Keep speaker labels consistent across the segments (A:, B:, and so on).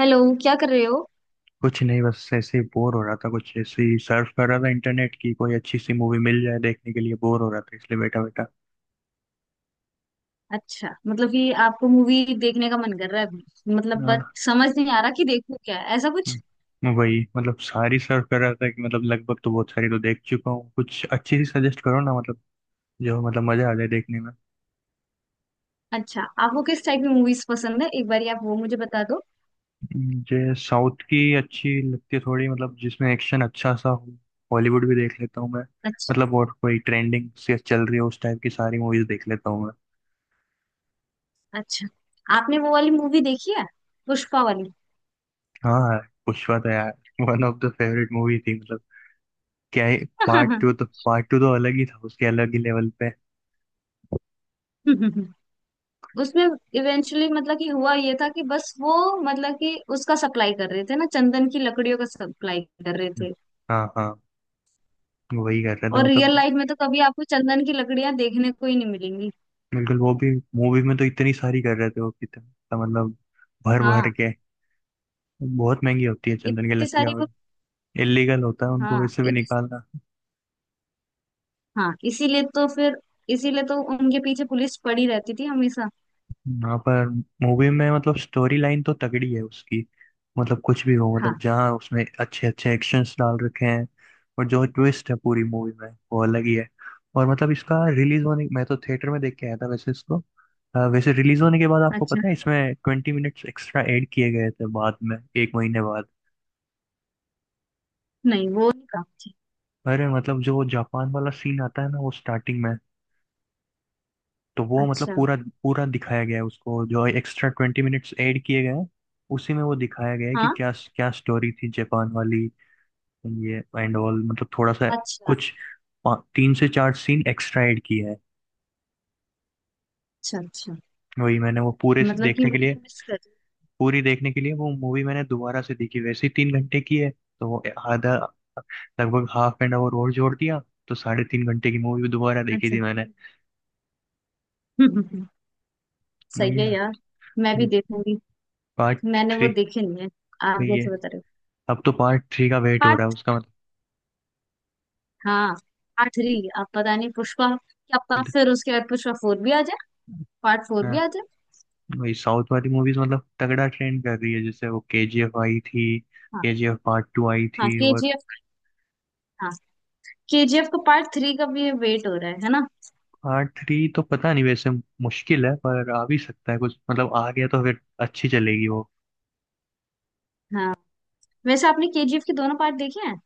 A: Hello. क्या कर रहे हो?
B: कुछ नहीं, बस ऐसे ही बोर हो रहा था। कुछ ऐसे ही सर्फ कर रहा था इंटरनेट की। कोई अच्छी सी मूवी मिल जाए देखने के लिए, बोर हो रहा था इसलिए बैठा बैठा।
A: अच्छा, मतलब कि आपको मूवी देखने का मन कर रहा है अभी, मतलब बट
B: हाँ।
A: समझ नहीं आ रहा कि देखूं क्या ऐसा कुछ।
B: वही मतलब सारी सर्फ कर रहा था कि मतलब लगभग तो बहुत सारी तो देख चुका हूँ। कुछ अच्छी सी सजेस्ट करो ना मतलब, जो मतलब मजा आ जाए देखने में।
A: अच्छा, आपको किस टाइप की मूवीज पसंद है? एक बार आप वो मुझे बता दो।
B: मुझे साउथ की अच्छी लगती है थोड़ी, मतलब जिसमें एक्शन अच्छा सा हो। हॉलीवुड भी देख लेता हूँ मैं।
A: अच्छा,
B: मतलब और कोई ट्रेंडिंग से चल रही है उस टाइप की, सारी मूवीज देख लेता हूँ मैं।
A: अच्छा। आपने वो वाली मूवी देखी है? पुष्पा वाली?
B: हाँ। पुष्पा तो यार one of the favourite movie थी मतलब। क्या है, पार्ट टू तो अलग ही था, उसके अलग ही लेवल पे।
A: उसमें इवेंचुअली मतलब कि हुआ ये था कि बस वो, मतलब कि उसका सप्लाई कर रहे थे ना, चंदन की लकड़ियों का सप्लाई कर रहे
B: हम्म।
A: थे।
B: हाँ हाँ, वही कर रहे थे
A: और
B: मतलब।
A: रियल लाइफ में तो कभी आपको चंदन की लकड़ियां देखने को ही नहीं मिलेंगी।
B: बिल्कुल, वो भी मूवी में तो इतनी सारी कर रहे थे वो, कितना मतलब भर भर
A: हाँ,
B: के। बहुत महंगी होती है चंदन की
A: इतनी
B: लकड़ियाँ।
A: सारी वो।
B: इलीगल होता है उनको
A: हाँ,
B: वैसे भी
A: इतनी।
B: निकालना।
A: हाँ, इसीलिए तो फिर, इसीलिए तो उनके पीछे पुलिस पड़ी रहती थी हमेशा।
B: यहाँ पर मूवी में मतलब स्टोरी लाइन तो तगड़ी है उसकी। मतलब कुछ भी हो, मतलब
A: हाँ।
B: जहाँ उसमें अच्छे अच्छे एक्शंस डाल रखे हैं। और जो ट्विस्ट है पूरी मूवी में वो अलग ही है। और मतलब इसका रिलीज होने, मैं तो थिएटर में देख के आया था वैसे इसको। वैसे रिलीज होने के बाद आपको
A: अच्छा।
B: पता है इसमें 20 मिनट एक्स्ट्रा ऐड किए गए थे, बाद में 1 महीने बाद।
A: नहीं, वो नहीं काम थी।
B: अरे मतलब जो जापान वाला सीन आता है ना वो स्टार्टिंग में, तो वो मतलब
A: अच्छा।
B: पूरा पूरा दिखाया गया है उसको, जो एक्स्ट्रा 20 मिनट ऐड किए गए हैं उसी में वो दिखाया गया है कि
A: हाँ।
B: क्या क्या स्टोरी थी जापान वाली। ये एंड ऑल मतलब थोड़ा सा
A: अच्छा,
B: कुछ 3 से 4 सीन एक्स्ट्रा ऐड किया है।
A: अच्छा। अच्छा,
B: वही मैंने वो पूरे से
A: मतलब कि
B: देखने के
A: वो
B: लिए,
A: मिस कर रही।
B: पूरी देखने के लिए वो मूवी मैंने दोबारा से देखी। वैसे ही 3 घंटे की है तो वो आधा, लगभग half an hour और जोड़ दिया, तो 3.5 घंटे की मूवी दोबारा देखी
A: अच्छा।
B: थी मैंने।
A: हम्म। सही
B: नहीं
A: है
B: यार,
A: यार, मैं भी
B: ये
A: देखूंगी।
B: पार्ट
A: मैंने वो
B: थ्री
A: देखे नहीं है, आप
B: वही
A: जैसे
B: है।
A: बता रहे हो।
B: अब तो पार्ट थ्री का वेट हो रहा है
A: पार्ट,
B: उसका मतलब।
A: हाँ। पार्ट थ्री, आप पता नहीं पुष्पा क्या पता फिर उसके बाद पुष्पा फोर भी आ जाए, पार्ट फोर भी
B: हाँ,
A: आ जाए।
B: वही साउथ वाली मूवीज मतलब तगड़ा ट्रेंड कर रही है। जैसे वो केजीएफ आई थी,
A: हाँ।
B: केजीएफ पार्ट टू आई
A: हाँ,
B: थी। और
A: केजीएफ। हाँ, केजीएफ का पार्ट थ्री का भी वेट हो रहा है ना?
B: पार्ट थ्री तो पता नहीं वैसे, मुश्किल है, पर आ भी सकता है कुछ मतलब। आ गया तो फिर अच्छी चलेगी वो।
A: हाँ। वैसे आपने केजीएफ के दोनों पार्ट देखे हैं?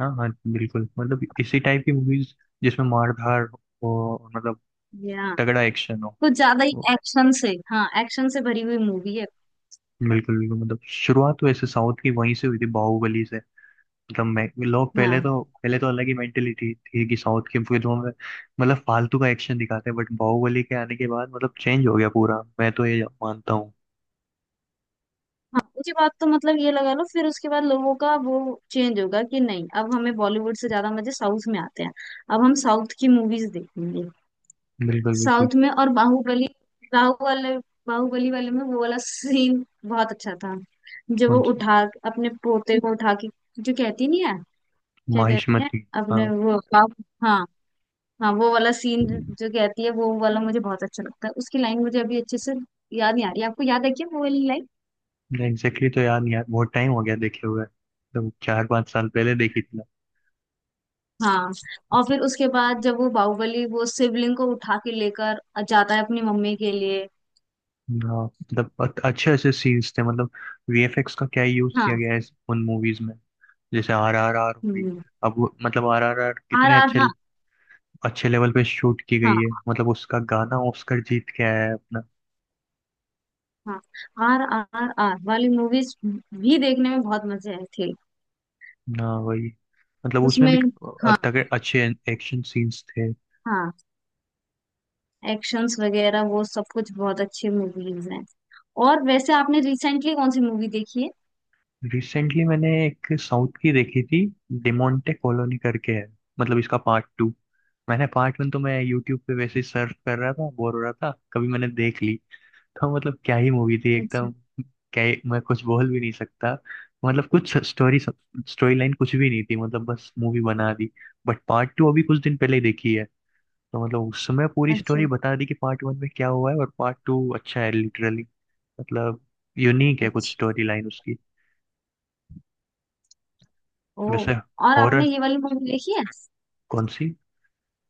B: हाँ हाँ बिल्कुल, मतलब इसी टाइप की मूवीज जिसमें मार धाड़ हो, और मतलब
A: या
B: तगड़ा एक्शन हो
A: कुछ ज्यादा ही
B: वो।
A: एक्शन से, हाँ, एक्शन से भरी हुई मूवी है।
B: बिल्कुल बिल्कुल, मतलब शुरुआत तो ऐसे साउथ की वहीं से हुई थी, बाहुबली से। मतलब मैं, लोग पहले
A: हाँ।
B: तो पहले तो अलग ही मेंटेलिटी थी कि साउथ की फिल्मों में मतलब फालतू का एक्शन दिखाते हैं। बट बाहुबली के आने के बाद मतलब चेंज हो गया पूरा, मैं तो ये मानता हूँ।
A: हाँ, उसके बाद तो मतलब ये लगा लो फिर उसके बाद लोगों का वो चेंज होगा कि नहीं अब हमें बॉलीवुड से ज्यादा मजे साउथ में आते हैं। अब हम साउथ की मूवीज देखेंगे,
B: बिल्कुल बिल्कुल।
A: साउथ में। और बाहुबली, बाहुबली, बाहुबली वाले में वो वाला सीन बहुत अच्छा था, जो वो
B: कौन सी?
A: उठा, अपने पोते को उठा के, जो कहती नहीं है, क्या कहते हैं,
B: माहिष्मती।
A: अपने
B: हाँ।
A: वो बाहु। हाँ। हाँ, वो वाला सीन जो कहती है, वो वाला मुझे बहुत अच्छा लगता है। उसकी लाइन मुझे अभी अच्छे से याद नहीं आ रही, आपको याद है क्या वो वाली लाइन?
B: एग्जैक्टली तो याद नहीं यार, बहुत टाइम हो गया देखे हुए, तो 4-5 साल पहले देखी थी।
A: हाँ। और फिर उसके बाद जब वो बाहुबली वो शिवलिंग को उठा के लेकर जाता है अपनी मम्मी के लिए।
B: हाँ मतलब अच्छे अच्छे सीन्स थे मतलब। वीएफएक्स का क्या यूज किया
A: हाँ।
B: गया है उन मूवीज में। जैसे RRR हुई,
A: हम्म।
B: मतलब RRR
A: आर
B: कितने
A: आर,
B: अच्छे
A: हाँ।
B: अच्छे लेवल पे शूट की गई है।
A: हाँ।
B: मतलब उसका गाना ऑस्कर जीत के आया है अपना।
A: हाँ, आर आर आर वाली मूवीज भी देखने में बहुत मजे आए थे।
B: ना वही, मतलब उसमें भी
A: उसमें, हाँ।
B: तगड़े अच्छे एक्शन सीन्स थे।
A: हाँ, एक्शंस वगैरह वो सब कुछ बहुत अच्छी मूवीज हैं। और वैसे आपने रिसेंटली कौन सी मूवी देखी है?
B: रिसेंटली मैंने एक साउथ की देखी थी, डिमोंटे कॉलोनी करके है, मतलब इसका पार्ट टू। मैंने पार्ट वन तो मैं यूट्यूब पे वैसे ही सर्च कर रहा था, बोर हो रहा था कभी, मैंने देख ली। तो मतलब क्या ही मूवी थी
A: अच्छा।
B: एकदम, क्या ही- मैं कुछ बोल भी नहीं सकता। मतलब कुछ स्टोरी, स्टोरी लाइन कुछ भी नहीं थी, मतलब बस मूवी बना दी। बट पार्ट टू अभी कुछ दिन पहले ही देखी है, तो मतलब उस समय पूरी
A: अच्छा।
B: स्टोरी बता दी कि पार्ट वन में क्या हुआ है, और पार्ट टू अच्छा है लिटरली। मतलब यूनिक है कुछ
A: अच्छा।
B: स्टोरी लाइन उसकी।
A: ओ।
B: वैसे
A: और आपने
B: हॉरर।
A: ये वाली मूवी देखी है?
B: कौन सी?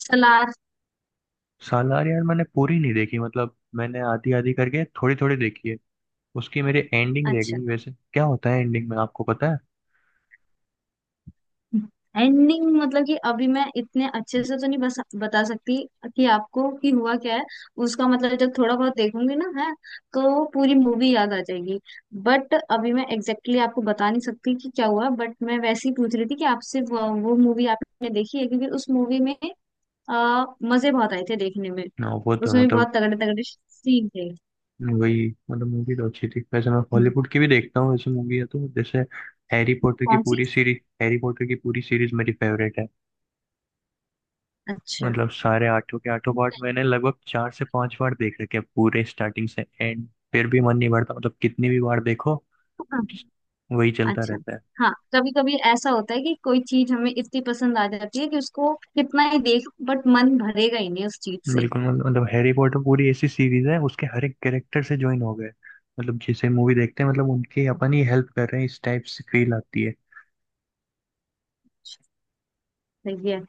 A: सलार।
B: सालार यार मैंने पूरी नहीं देखी, मतलब मैंने आधी आधी करके थोड़ी थोड़ी देखी है। उसकी मेरी एंडिंग रह
A: अच्छा,
B: गई, वैसे क्या होता है एंडिंग में आपको पता है?
A: एंडिंग मतलब कि अभी मैं इतने अच्छे से तो नहीं बस बता सकती कि आपको कि हुआ क्या है उसका। मतलब जब थोड़ा बहुत देखूंगी ना, है तो पूरी मूवी याद आ जाएगी। बट अभी मैं एग्जैक्टली exactly आपको बता नहीं सकती कि क्या हुआ, बट मैं वैसे ही पूछ रही थी कि आपसे वो मूवी आपने देखी है क्योंकि उस मूवी में, आ, मजे बहुत आए थे देखने में।
B: ना वो तो
A: उसमें भी
B: मतलब,
A: बहुत तगड़े तगड़े सीन थे।
B: वही मतलब मूवी तो अच्छी थी। वैसे मैं
A: हम्म।
B: हॉलीवुड की भी देखता हूँ, वैसे मूवी है तो जैसे
A: कौन सी?
B: हैरी पॉटर की पूरी सीरीज मेरी फेवरेट है।
A: अच्छा,
B: मतलब सारे आठों के आठों पार्ट मैंने लगभग 4 से 5 बार देख रखे हैं, पूरे स्टार्टिंग से एंड। फिर भी मन नहीं भरता, मतलब कितनी भी बार देखो वही चलता
A: अच्छा।
B: रहता है।
A: हाँ, कभी कभी ऐसा होता है कि कोई चीज हमें इतनी पसंद आ जाती है कि उसको कितना ही देख, बट मन भरेगा ही नहीं उस चीज से।
B: बिल्कुल, मतलब हैरी पॉटर पूरी ऐसी सीरीज है उसके हर एक कैरेक्टर से ज्वाइन हो गए। मतलब जैसे मूवी देखते हैं, मतलब उनकी अपन ही हेल्प कर रहे हैं इस टाइप से फील आती है।
A: सही है।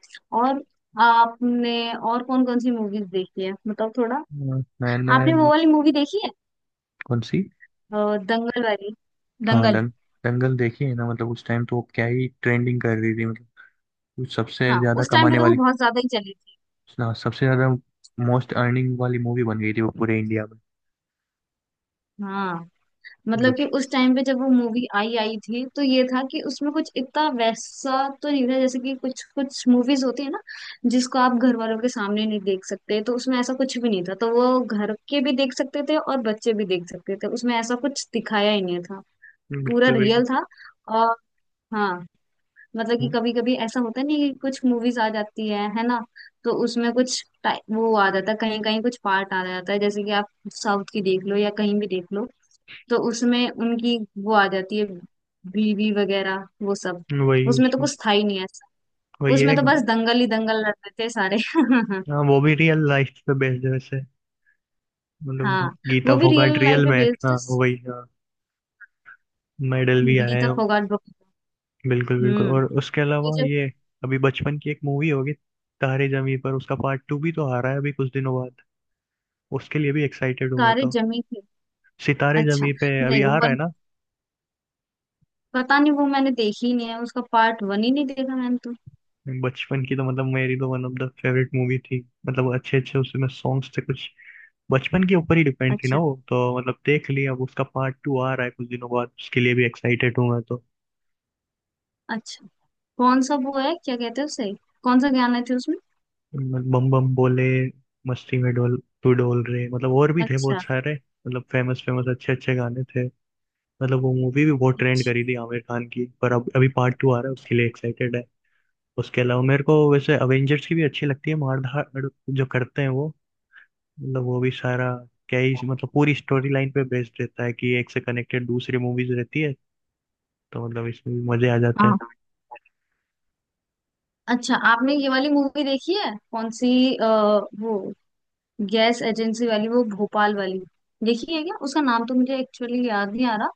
A: और आपने और कौन कौन सी मूवीज देखी है, मतलब थोड़ा?
B: मैंने?
A: आपने वो वाली मूवी देखी है?
B: कौन सी?
A: दंगल वाली,
B: हाँ
A: दंगल।
B: दंगल देखी है ना। मतलब उस टाइम तो वो क्या ही ट्रेंडिंग कर रही थी मतलब, वो सबसे
A: हाँ,
B: ज्यादा
A: उस टाइम पे
B: कमाने
A: तो वो
B: वाली,
A: बहुत ज्यादा ही चली थी।
B: सबसे ज्यादा मोस्ट अर्निंग वाली मूवी बन गई थी वो, पूरे इंडिया में।
A: हाँ, मतलब
B: मतलब
A: कि उस टाइम पे जब वो मूवी आई आई थी तो ये था कि उसमें कुछ इतना वैसा तो नहीं था, जैसे कि कुछ कुछ मूवीज होती है ना, जिसको आप घर वालों के सामने नहीं देख सकते, तो उसमें ऐसा कुछ भी नहीं था, तो वो घर के भी देख सकते थे और बच्चे भी देख सकते थे, उसमें ऐसा कुछ दिखाया ही नहीं था। पूरा
B: बिल्कुल बिल्कुल।
A: रियल था। और हाँ, मतलब कि
B: हम्म,
A: कभी कभी ऐसा होता नहीं कि कुछ मूवीज आ जाती है ना? तो उसमें कुछ वो आ जाता है, कहीं कहीं कुछ पार्ट आ जाता है, जैसे कि आप साउथ की देख लो या कहीं भी देख लो, तो उसमें उनकी वो आ जाती है, बीवी वगैरह वो सब।
B: वही
A: उसमें तो
B: उसमें,
A: कुछ था ही नहीं ऐसा,
B: वही
A: उसमें
B: है।
A: तो बस दंगल ही दंगल लड़ते थे सारे।
B: हाँ वो भी रियल लाइफ पे बेस्ड है वैसे। मतलब
A: हाँ,
B: गीता
A: वो भी
B: फोगाट
A: रियल लाइफ
B: रियल
A: पे
B: में है।
A: बेस्ड है,
B: हाँ वही हाँ। मेडल भी आए हैं।
A: गीता फोगाट बुक।
B: बिल्कुल बिल्कुल।
A: हम्म।
B: और उसके अलावा
A: वो जब
B: ये अभी बचपन की एक मूवी होगी, तारे जमी पर, उसका पार्ट टू भी तो आ रहा है अभी कुछ दिनों बाद, उसके लिए भी एक्साइटेड हूँ मैं
A: सारे
B: तो।
A: जमी थे।
B: सितारे
A: अच्छा,
B: जमी पे अभी
A: नहीं
B: आ
A: वो
B: रहा है
A: वाली,
B: ना।
A: पता नहीं, वो मैंने देखी ही नहीं है, उसका पार्ट वन ही नहीं देखा मैंने तो।
B: बचपन की तो मतलब मेरी तो one of the favourite movie थी। मतलब अच्छे अच्छे उसमें सॉन्ग्स थे कुछ, बचपन के ऊपर ही डिपेंड थी ना
A: अच्छा,
B: वो तो मतलब। देख लिया, अब उसका पार्ट टू आ रहा है कुछ दिनों बाद, उसके लिए भी एक्साइटेड हूँ मैं तो।
A: अच्छा। कौन सा वो है, क्या कहते हैं उसे? कौन सा गाना थे उसमें?
B: मतलब बम बम बोले, मस्ती में डोल, तू डोल रे, मतलब और भी थे बहुत
A: अच्छा।
B: सारे, मतलब फेमस फेमस अच्छे अच्छे गाने थे। मतलब वो मूवी भी बहुत ट्रेंड
A: अच्छा।
B: करी थी आमिर खान की, पर अब अभी पार्ट टू आ रहा है उसके लिए एक्साइटेड है। उसके अलावा मेरे को वैसे अवेंजर्स की भी अच्छी लगती है, मार धाड़ जो करते हैं वो। मतलब वो भी सारा क्या ही मतलब पूरी स्टोरी लाइन पे बेस्ड रहता है, कि एक से कनेक्टेड दूसरी मूवीज रहती है। तो मतलब इसमें भी मजे आ जाते हैं।
A: हाँ। अच्छा, आपने ये वाली मूवी देखी है, कौन सी? अ, वो गैस एजेंसी वाली, वो भोपाल वाली। देखी है क्या? उसका नाम तो मुझे एक्चुअली याद नहीं आ रहा,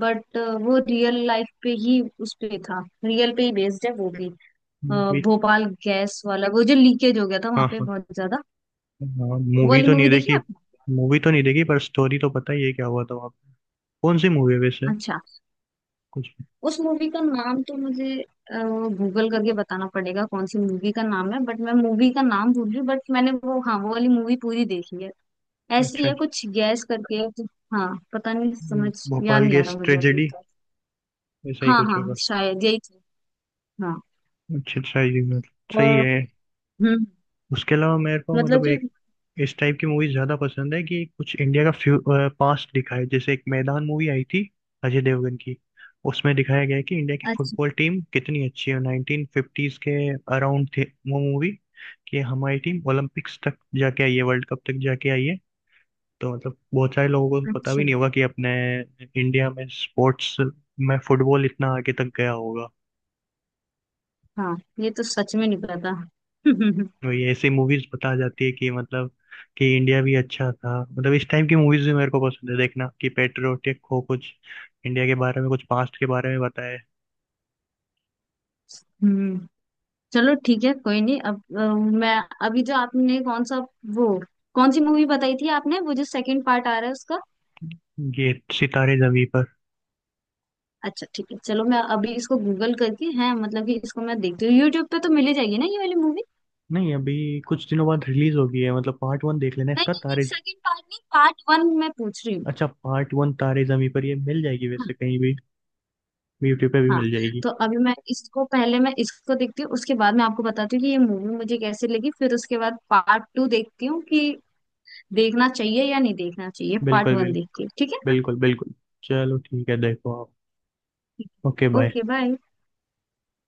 A: बट वो रियल लाइफ पे ही, उस पे था, रियल पे ही बेस्ड है वो भी। अ,
B: मूवी,
A: भोपाल गैस वाला वो जो लीकेज हो गया था,
B: हाँ
A: वहां पे
B: हाँ।
A: बहुत ज्यादा।
B: हाँ,
A: वो वाली मूवी देखी आपने?
B: मूवी तो नहीं देखी, पर स्टोरी तो पता ही है क्या हुआ था वहाँ पे। कौन सी मूवी है वैसे?
A: अच्छा,
B: कुछ।
A: उस मूवी का नाम तो मुझे गूगल करके बताना पड़ेगा कौन सी मूवी का नाम है, बट मैं मूवी का नाम भूल रही हूँ, बट मैंने वो, हाँ, वो वाली मूवी पूरी देखी है। ऐसी
B: अच्छा
A: है
B: अच्छा।
A: कुछ गैस करके। हाँ, पता नहीं समझ याद
B: भोपाल
A: नहीं आ रहा
B: गैस
A: मुझे अभी
B: ट्रेजेडी
A: तो।
B: ऐसा ही
A: हाँ,
B: कुछ
A: हाँ,
B: होगा।
A: शायद यही थी। हाँ।
B: अच्छा अच्छा, ये मतलब सही
A: और
B: है।
A: हम्म,
B: उसके अलावा मेरे को
A: मतलब
B: मतलब
A: कि,
B: एक इस टाइप की मूवी ज्यादा पसंद है कि कुछ इंडिया का फ्यू पास्ट दिखाए। जैसे एक मैदान मूवी आई थी अजय देवगन की, उसमें दिखाया गया है कि इंडिया की
A: अच्छा,
B: फुटबॉल टीम कितनी अच्छी है। 1950s के अराउंड थे वो मूवी, कि हमारी टीम ओलंपिक्स तक जाके आई है, वर्ल्ड कप तक जाके आई है। तो मतलब बहुत सारे लोगों को पता
A: अच्छा।
B: भी नहीं होगा कि अपने इंडिया में स्पोर्ट्स में फुटबॉल इतना आगे तक गया होगा।
A: हाँ, ये तो सच में नहीं पता।
B: वही ऐसे मूवीज बता जाती है कि मतलब कि इंडिया भी अच्छा था। मतलब इस टाइम की मूवीज भी मेरे को पसंद है देखना, कि पेट्रियोटिक हो कुछ, इंडिया के बारे में कुछ पास्ट के बारे में बताए।
A: हम्म। चलो ठीक है, कोई नहीं, अब मैं, अभी जो आपने कौन सा वो, कौन सी मूवी बताई थी आपने, वो जो सेकंड पार्ट आ रहा है उसका?
B: ये, सितारे जमी पर।
A: अच्छा, ठीक है, चलो मैं अभी इसको गूगल करके है, मतलब कि इसको मैं देखती हूँ, यूट्यूब पे तो मिल ही जाएगी ना ये वाली मूवी?
B: नहीं, अभी कुछ दिनों बाद रिलीज होगी है, मतलब पार्ट वन देख लेना
A: नहीं
B: इसका,
A: नहीं नहीं,
B: तारे।
A: सेकंड पार्ट नहीं, पार्ट वन मैं पूछ रही हूँ।
B: अच्छा, पार्ट वन तारे जमी पर ये मिल जाएगी वैसे कहीं भी, यूट्यूब पे भी
A: हाँ,
B: मिल जाएगी।
A: तो अभी मैं इसको पहले मैं इसको देखती हूँ, उसके बाद मैं आपको बताती हूँ कि ये मूवी मुझे कैसे लगी, फिर उसके बाद पार्ट टू देखती हूँ कि देखना चाहिए या नहीं देखना चाहिए पार्ट
B: बिल्कुल
A: वन
B: बिल्कुल,
A: देख के, ठीक
B: बिल्कुल बिल्कुल। चलो ठीक है, देखो आप। ओके
A: है,
B: बाय।
A: Okay bye.